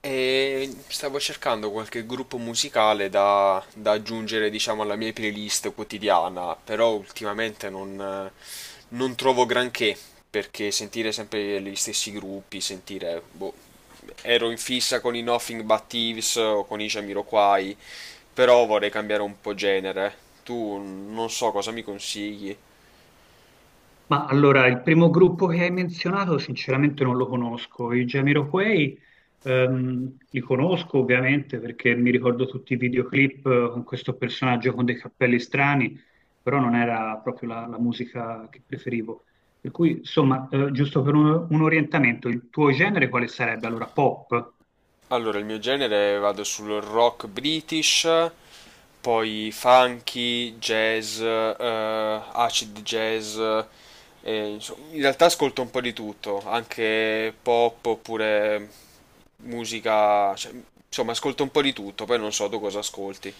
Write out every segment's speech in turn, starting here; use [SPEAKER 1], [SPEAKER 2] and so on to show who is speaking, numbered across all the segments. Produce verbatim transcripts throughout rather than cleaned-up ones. [SPEAKER 1] E stavo cercando qualche gruppo musicale da, da aggiungere, diciamo, alla mia playlist quotidiana, però ultimamente non, non trovo granché, perché sentire sempre gli stessi gruppi, sentire, boh, ero in fissa con i Nothing But Thieves o con i Jamiroquai, però vorrei cambiare un po' genere. Tu non so cosa mi consigli.
[SPEAKER 2] Ma allora, il primo gruppo che hai menzionato sinceramente non lo conosco. I Jamiroquai ehm, li conosco ovviamente perché mi ricordo tutti i videoclip eh, con questo personaggio con dei cappelli strani, però non era proprio la, la musica che preferivo. Per cui, insomma, eh, giusto per un, un orientamento, il tuo genere quale sarebbe? Allora, pop?
[SPEAKER 1] Allora, il mio genere vado sul rock british, poi funky, jazz, eh, acid jazz, eh, insomma, in realtà ascolto un po' di tutto, anche pop oppure musica, cioè, insomma ascolto un po' di tutto, poi non so tu cosa ascolti.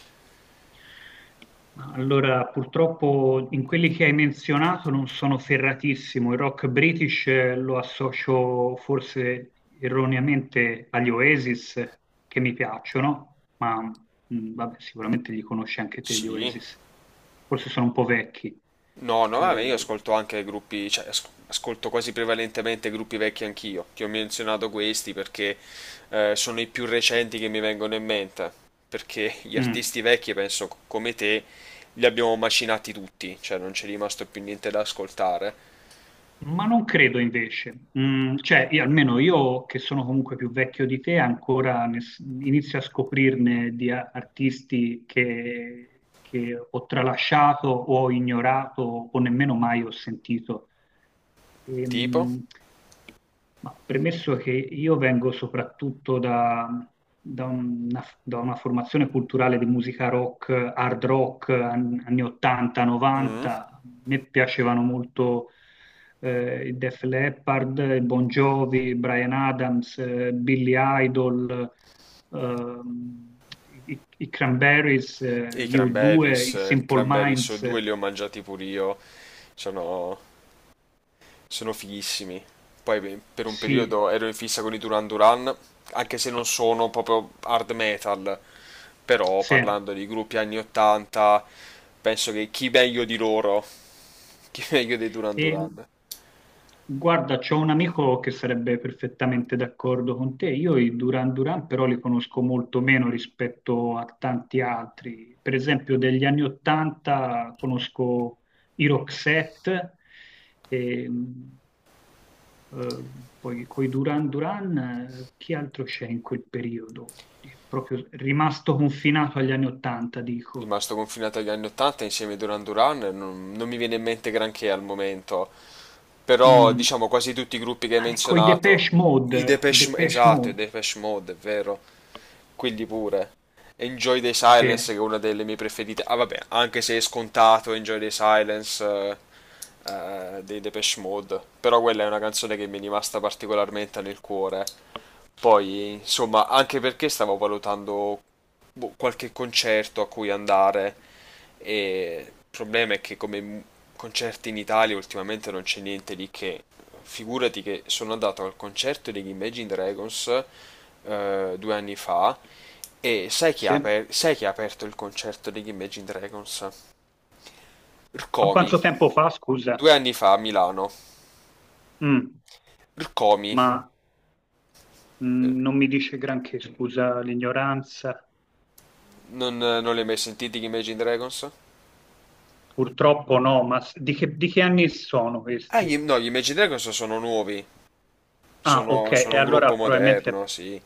[SPEAKER 2] Ma Allora, purtroppo in quelli che hai menzionato non sono ferratissimo. Il rock british eh, lo associo forse erroneamente agli Oasis, che mi piacciono, ma mh, vabbè, sicuramente li conosci anche te, gli
[SPEAKER 1] Sì.
[SPEAKER 2] Oasis. Forse sono un po' vecchi.
[SPEAKER 1] No, no, vabbè, io
[SPEAKER 2] Eh,
[SPEAKER 1] ascolto anche gruppi, cioè as- ascolto quasi prevalentemente gruppi vecchi anch'io. Ti ho menzionato questi perché eh, sono i più recenti che mi vengono in mente. Perché gli
[SPEAKER 2] mm.
[SPEAKER 1] artisti vecchi, penso co- come te, li abbiamo macinati tutti, cioè non c'è rimasto più niente da ascoltare.
[SPEAKER 2] Ma non credo invece, Mm, cioè io- almeno io che sono comunque più vecchio di te ancora ne s- inizio a scoprirne di a- artisti che, che ho tralasciato o ho ignorato o nemmeno mai ho sentito.
[SPEAKER 1] Tipo?
[SPEAKER 2] Ehm, ma premesso che io vengo soprattutto da, da una, da una formazione culturale di musica rock, hard rock, an- anni ottanta,
[SPEAKER 1] Mm,
[SPEAKER 2] novanta, a me piacevano molto eh, i Def Leppard, Bon Jovi, Brian Adams, eh, Billy Idol, ehm, i, i Cranberries, eh,
[SPEAKER 1] I
[SPEAKER 2] gli U due,
[SPEAKER 1] Cranberries,
[SPEAKER 2] i
[SPEAKER 1] eh,
[SPEAKER 2] Simple
[SPEAKER 1] Cranberries o
[SPEAKER 2] Minds,
[SPEAKER 1] due li ho mangiati pure io. Sono sono fighissimi. Poi beh, per un
[SPEAKER 2] sì,
[SPEAKER 1] periodo ero in fissa con i Duran Duran, anche se non sono proprio hard metal, però
[SPEAKER 2] sì.
[SPEAKER 1] parlando di gruppi anni ottanta, penso che chi meglio di loro, chi meglio dei Duran
[SPEAKER 2] E
[SPEAKER 1] Duran.
[SPEAKER 2] Guarda, c'ho un amico che sarebbe perfettamente d'accordo con te. Io i Duran Duran però li conosco molto meno rispetto a tanti altri. Per esempio, degli anni Ottanta conosco i Roxette, e, mh, eh, poi coi Duran Duran, eh, chi altro c'è in quel periodo? È proprio rimasto confinato agli anni Ottanta, dico.
[SPEAKER 1] Rimasto confinato agli anni ottanta insieme a Duran Duran, non, non mi viene in mente granché al momento, però
[SPEAKER 2] Mm.
[SPEAKER 1] diciamo quasi tutti i gruppi che hai
[SPEAKER 2] Ah, Ecco, i
[SPEAKER 1] menzionato.
[SPEAKER 2] Depeche
[SPEAKER 1] I
[SPEAKER 2] Mode, i
[SPEAKER 1] Depeche, M-
[SPEAKER 2] Depeche
[SPEAKER 1] esatto, i
[SPEAKER 2] Mode,
[SPEAKER 1] Depeche Mode, è vero, quelli pure. Enjoy the
[SPEAKER 2] sì,
[SPEAKER 1] Silence, che è una delle mie preferite. Ah, vabbè, anche se è scontato Enjoy the Silence eh, eh, dei Depeche Mode. Però quella è una canzone che mi è rimasta particolarmente nel cuore. Poi, insomma, anche perché stavo valutando boh, qualche concerto a cui andare. E il problema è che come m- concerti in Italia ultimamente non c'è niente di che. Figurati che sono andato al concerto degli Imagine Dragons eh, due anni fa e sai chi ha,
[SPEAKER 2] sì.
[SPEAKER 1] aper- sai chi ha aperto il concerto degli Imagine Dragons?
[SPEAKER 2] Ma
[SPEAKER 1] Rcomi,
[SPEAKER 2] quanto tempo fa, scusa?
[SPEAKER 1] due anni fa a Milano.
[SPEAKER 2] Mm,
[SPEAKER 1] Rcomi,
[SPEAKER 2] ma mm, non mi dice granché, scusa l'ignoranza.
[SPEAKER 1] non, non li hai mai sentiti gli Imagine Dragons?
[SPEAKER 2] Purtroppo no, ma s- di che, di che anni sono
[SPEAKER 1] Ah, gli-
[SPEAKER 2] questi?
[SPEAKER 1] no, gli Imagine Dragons sono nuovi,
[SPEAKER 2] Ah, ok,
[SPEAKER 1] sono, sono
[SPEAKER 2] e
[SPEAKER 1] un
[SPEAKER 2] allora
[SPEAKER 1] gruppo moderno,
[SPEAKER 2] probabilmente,
[SPEAKER 1] sì.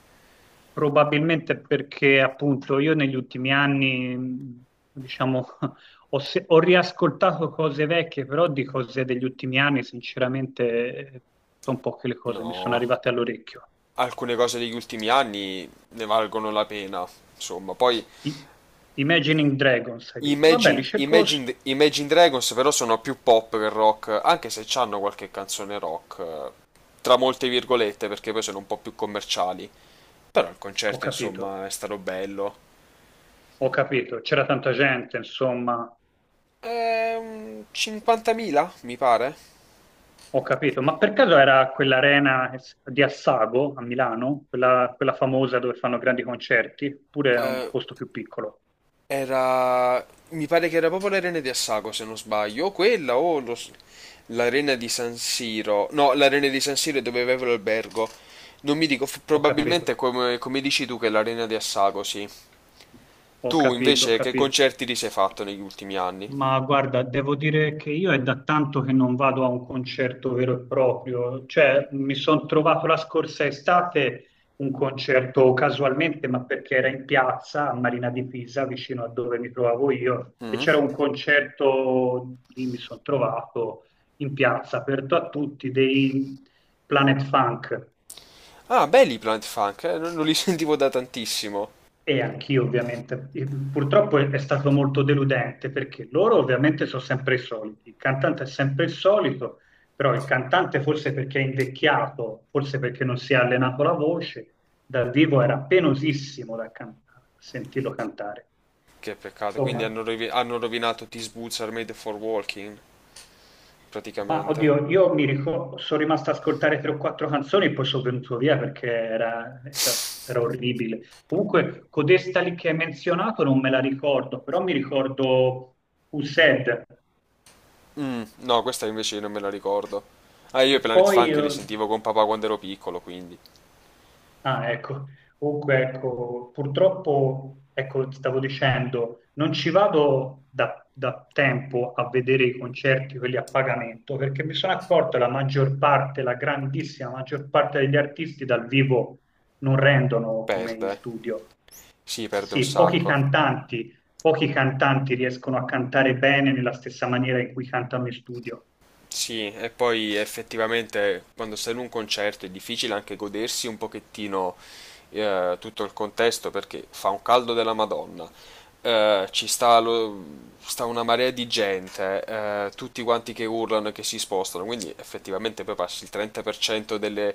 [SPEAKER 2] probabilmente perché appunto io negli ultimi anni, mm, diciamo, ho, se- ho riascoltato cose vecchie, però di cose degli ultimi anni, sinceramente, eh, sono poche le cose mi sono
[SPEAKER 1] No.
[SPEAKER 2] arrivate all'orecchio.
[SPEAKER 1] Alcune cose degli ultimi anni ne valgono la pena. Insomma, poi
[SPEAKER 2] I- Imagining Dragons, hai detto. Vabbè, li
[SPEAKER 1] Imagine,
[SPEAKER 2] cerco, s-
[SPEAKER 1] Imagine, Imagine Dragons però sono più pop che rock, anche se hanno qualche canzone rock, eh, tra molte virgolette, perché poi sono un po' più commerciali. Però il
[SPEAKER 2] Ho
[SPEAKER 1] concerto,
[SPEAKER 2] capito.
[SPEAKER 1] insomma, è stato bello.
[SPEAKER 2] Ho capito, c'era tanta gente, insomma,
[SPEAKER 1] Ehm, cinquantamila, mi pare.
[SPEAKER 2] ho capito. Ma per caso era quell'arena di Assago a Milano, quella, quella famosa dove fanno grandi concerti, oppure è un
[SPEAKER 1] Eh,
[SPEAKER 2] posto più piccolo?
[SPEAKER 1] Era, Mi pare che era proprio l'arena di Assago, se non sbaglio, o quella o lo s- l'arena di San Siro. No, l'arena di San Siro è dove avevo l'albergo. Non mi dico, f-
[SPEAKER 2] Ho
[SPEAKER 1] probabilmente
[SPEAKER 2] capito,
[SPEAKER 1] è come, come dici tu che è l'arena di Assago, sì.
[SPEAKER 2] ho
[SPEAKER 1] Tu
[SPEAKER 2] capito, ho
[SPEAKER 1] invece che
[SPEAKER 2] capito.
[SPEAKER 1] concerti ti sei fatto negli ultimi anni?
[SPEAKER 2] Ma guarda, devo dire che io è da tanto che non vado a un concerto vero e proprio, cioè mi sono trovato la scorsa estate un concerto casualmente, ma perché era in piazza a Marina di Pisa, vicino a dove mi trovavo io, e
[SPEAKER 1] Mm?
[SPEAKER 2] c'era un concerto lì mi sono trovato in piazza, aperto a tutti, dei Planet Funk.
[SPEAKER 1] Ah, belli i Plant Funk, eh, non, non li sentivo da tantissimo.
[SPEAKER 2] E anch'io ovviamente. E Purtroppo è è stato molto deludente perché loro ovviamente sono sempre i soliti, il cantante è sempre il solito, però il cantante forse perché è invecchiato, forse perché non si è allenato la voce, dal vivo era penosissimo da can- sentirlo cantare.
[SPEAKER 1] Che peccato, quindi
[SPEAKER 2] Insomma,
[SPEAKER 1] hanno, rovi- hanno rovinato These Boots Are Made for Walking,
[SPEAKER 2] Ma
[SPEAKER 1] praticamente.
[SPEAKER 2] oddio, io mi ricordo, sono rimasto a ascoltare tre o quattro canzoni e poi sono venuto via perché era, era- era orribile. Comunque, codesta lì che hai menzionato non me la ricordo, però mi ricordo Used.
[SPEAKER 1] Mm, no, questa invece non me la ricordo. Ah, io
[SPEAKER 2] E
[SPEAKER 1] i Planet
[SPEAKER 2] poi
[SPEAKER 1] Funk li
[SPEAKER 2] eh,
[SPEAKER 1] sentivo con papà quando ero piccolo, quindi
[SPEAKER 2] Ah, ecco, comunque, ecco, purtroppo, ecco, ti stavo dicendo, non ci vado da, da tempo a vedere i concerti, quelli a pagamento, perché mi sono accorto che la maggior parte, la grandissima maggior parte degli artisti dal vivo non rendono come in
[SPEAKER 1] perde. eh.
[SPEAKER 2] studio.
[SPEAKER 1] Sì,
[SPEAKER 2] Eh
[SPEAKER 1] perde un
[SPEAKER 2] Sì, pochi
[SPEAKER 1] sacco.
[SPEAKER 2] cantanti, pochi cantanti riescono a cantare bene nella stessa maniera in cui cantano in studio.
[SPEAKER 1] Sì, e poi effettivamente quando sei in un concerto è difficile anche godersi un pochettino eh, tutto il contesto perché fa un caldo della Madonna, eh, ci sta, lo- sta una marea di gente, eh, tutti quanti che urlano e che si spostano, quindi effettivamente poi passi il trenta per cento delle-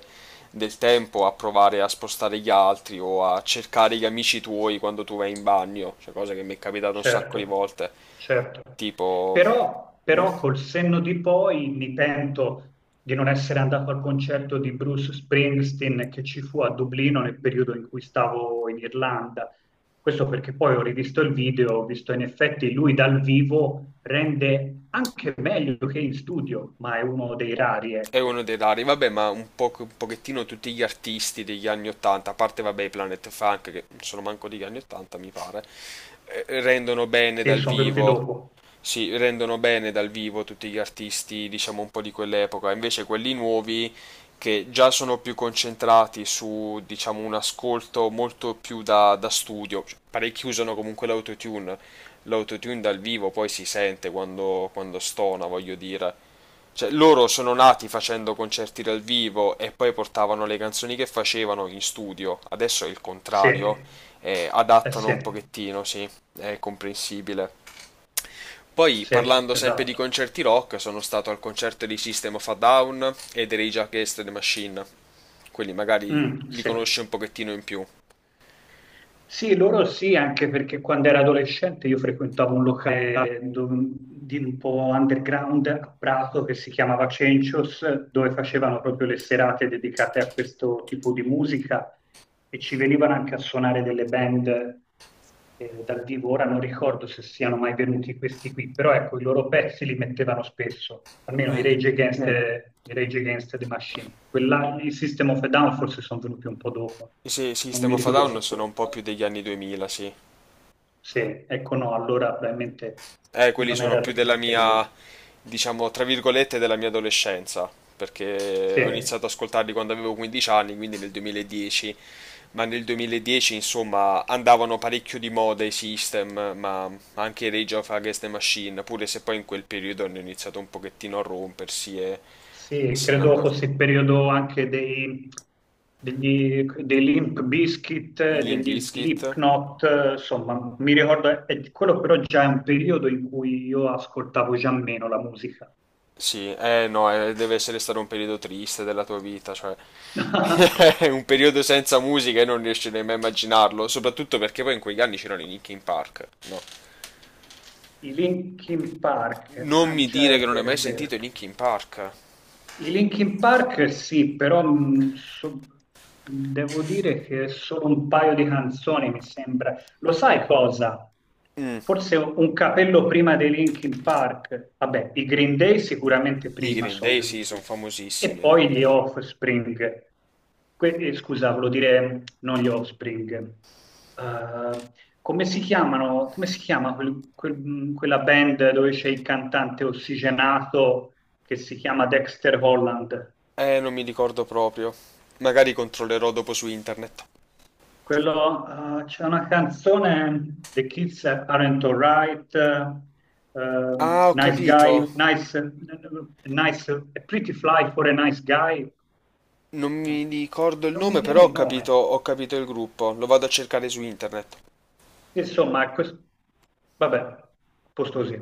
[SPEAKER 1] del tempo a provare a spostare gli altri o a cercare gli amici tuoi quando tu vai in bagno, cioè cosa che mi è capitata un sacco di
[SPEAKER 2] Certo,
[SPEAKER 1] volte,
[SPEAKER 2] certo.
[SPEAKER 1] tipo.
[SPEAKER 2] Però,
[SPEAKER 1] "Mm,
[SPEAKER 2] però col senno di poi mi pento di non essere andato al concerto di Bruce Springsteen che ci fu a Dublino nel periodo in cui stavo in Irlanda. Questo perché poi ho rivisto il video, ho visto in effetti lui dal vivo rende anche meglio che in studio, ma è uno dei rari,
[SPEAKER 1] È uno
[SPEAKER 2] ecco.
[SPEAKER 1] dei rari, vabbè, ma un po' un pochettino tutti gli artisti degli anni ottanta, a parte vabbè i Planet Funk che non sono manco degli anni ottanta, mi pare, eh, rendono bene
[SPEAKER 2] Sì,
[SPEAKER 1] dal
[SPEAKER 2] sono venuti
[SPEAKER 1] vivo
[SPEAKER 2] dopo.
[SPEAKER 1] si rendono bene dal vivo tutti gli artisti, diciamo un po' di quell'epoca, invece quelli nuovi che già sono più concentrati su, diciamo, un ascolto molto più da, da studio. Cioè, parecchi usano comunque l'autotune, l'autotune dal vivo poi si sente quando, quando stona, voglio dire. Cioè, loro sono nati facendo concerti dal vivo e poi portavano le canzoni che facevano in studio. Adesso è il
[SPEAKER 2] Sì,
[SPEAKER 1] contrario, eh,
[SPEAKER 2] eh
[SPEAKER 1] adattano
[SPEAKER 2] sì,
[SPEAKER 1] un pochettino, sì, è comprensibile. Poi
[SPEAKER 2] sì,
[SPEAKER 1] parlando sempre di
[SPEAKER 2] esatto.
[SPEAKER 1] concerti rock, sono stato al concerto di System of a Down e dei Rage Against the Machine. Quelli magari
[SPEAKER 2] Mm,
[SPEAKER 1] li
[SPEAKER 2] sì.
[SPEAKER 1] conosci un pochettino in più.
[SPEAKER 2] Sì, loro sì, anche perché quando ero adolescente io frequentavo un locale dov- di un po' underground a Prato che si chiamava Cencios, dove facevano proprio le serate dedicate a questo tipo di musica e ci venivano anche a suonare delle band eh, dal vivo. Ora non ricordo se siano mai venuti questi qui, però ecco, i loro pezzi li mettevano spesso, almeno i
[SPEAKER 1] Mm,
[SPEAKER 2] Rage Against Eh, the, i Rage Against the Machine. Quella, i System of a Down forse sono venuti un po' dopo,
[SPEAKER 1] sì,
[SPEAKER 2] non
[SPEAKER 1] System
[SPEAKER 2] mi
[SPEAKER 1] of a Down sono un
[SPEAKER 2] ricordo.
[SPEAKER 1] po' più degli anni duemila, sì.
[SPEAKER 2] Sì, ecco no, allora probabilmente
[SPEAKER 1] Eh, quelli
[SPEAKER 2] non
[SPEAKER 1] sono
[SPEAKER 2] era
[SPEAKER 1] più
[SPEAKER 2] di
[SPEAKER 1] della
[SPEAKER 2] quel
[SPEAKER 1] mia,
[SPEAKER 2] periodo.
[SPEAKER 1] diciamo, tra virgolette, della mia adolescenza, perché
[SPEAKER 2] Sì,
[SPEAKER 1] ho iniziato ad ascoltarli quando avevo quindici anni, quindi nel duemiladieci, ma nel duemiladieci, insomma, andavano parecchio di moda i System, ma anche Rage of Against the Machine, pure se poi in quel periodo hanno iniziato un pochettino a rompersi e, e
[SPEAKER 2] sì,
[SPEAKER 1] se ne
[SPEAKER 2] credo
[SPEAKER 1] andò
[SPEAKER 2] fosse il periodo anche dei, degli, dei Limp Bizkit, eh,
[SPEAKER 1] Limp
[SPEAKER 2] degli
[SPEAKER 1] Bizkit.
[SPEAKER 2] Slipknot, eh, insomma, mi ricordo, eh, quello però già è un periodo in cui io ascoltavo già meno la musica.
[SPEAKER 1] Sì, eh no, eh, deve essere stato un periodo triste della tua vita, cioè è un periodo senza musica e non riesci nemmeno a immaginarlo, soprattutto perché poi in quegli anni c'erano i Linkin Park. No.
[SPEAKER 2] I Linkin Park,
[SPEAKER 1] Non
[SPEAKER 2] ah
[SPEAKER 1] mi
[SPEAKER 2] già
[SPEAKER 1] dire
[SPEAKER 2] è
[SPEAKER 1] che non hai
[SPEAKER 2] vero, è
[SPEAKER 1] mai
[SPEAKER 2] vero.
[SPEAKER 1] sentito i Linkin Park.
[SPEAKER 2] I Linkin Park sì, però mh, so- devo dire che solo un paio di canzoni mi sembra. Lo sai cosa?
[SPEAKER 1] Mm,
[SPEAKER 2] Forse un un capello prima dei Linkin Park. Vabbè, i Green Day sicuramente
[SPEAKER 1] I
[SPEAKER 2] prima
[SPEAKER 1] Green
[SPEAKER 2] sono
[SPEAKER 1] Day sì, sono
[SPEAKER 2] venuti. E
[SPEAKER 1] famosissimi.
[SPEAKER 2] poi gli Offspring. Que- eh, scusa, volevo dire non gli Offspring. Eh, Come si chiamano? Come si chiama quel- quel- mh, quella band dove c'è il cantante ossigenato? che si chiama Dexter Holland.
[SPEAKER 1] Eh, non mi ricordo proprio. Magari controllerò dopo su internet.
[SPEAKER 2] Quello, eh, c'è una canzone, The Kids Aren't Alright, eh,
[SPEAKER 1] Ah,
[SPEAKER 2] ehm,
[SPEAKER 1] ho
[SPEAKER 2] Nice
[SPEAKER 1] capito.
[SPEAKER 2] Guy, Nice, Nice, A Pretty Fly for a Nice Guy.
[SPEAKER 1] Non mi ricordo il
[SPEAKER 2] Non mi
[SPEAKER 1] nome,
[SPEAKER 2] viene
[SPEAKER 1] però
[SPEAKER 2] il
[SPEAKER 1] ho capito,
[SPEAKER 2] nome.
[SPEAKER 1] ho capito il gruppo. Lo vado a cercare su internet.
[SPEAKER 2] Insomma, quest- vabbè, a posto così.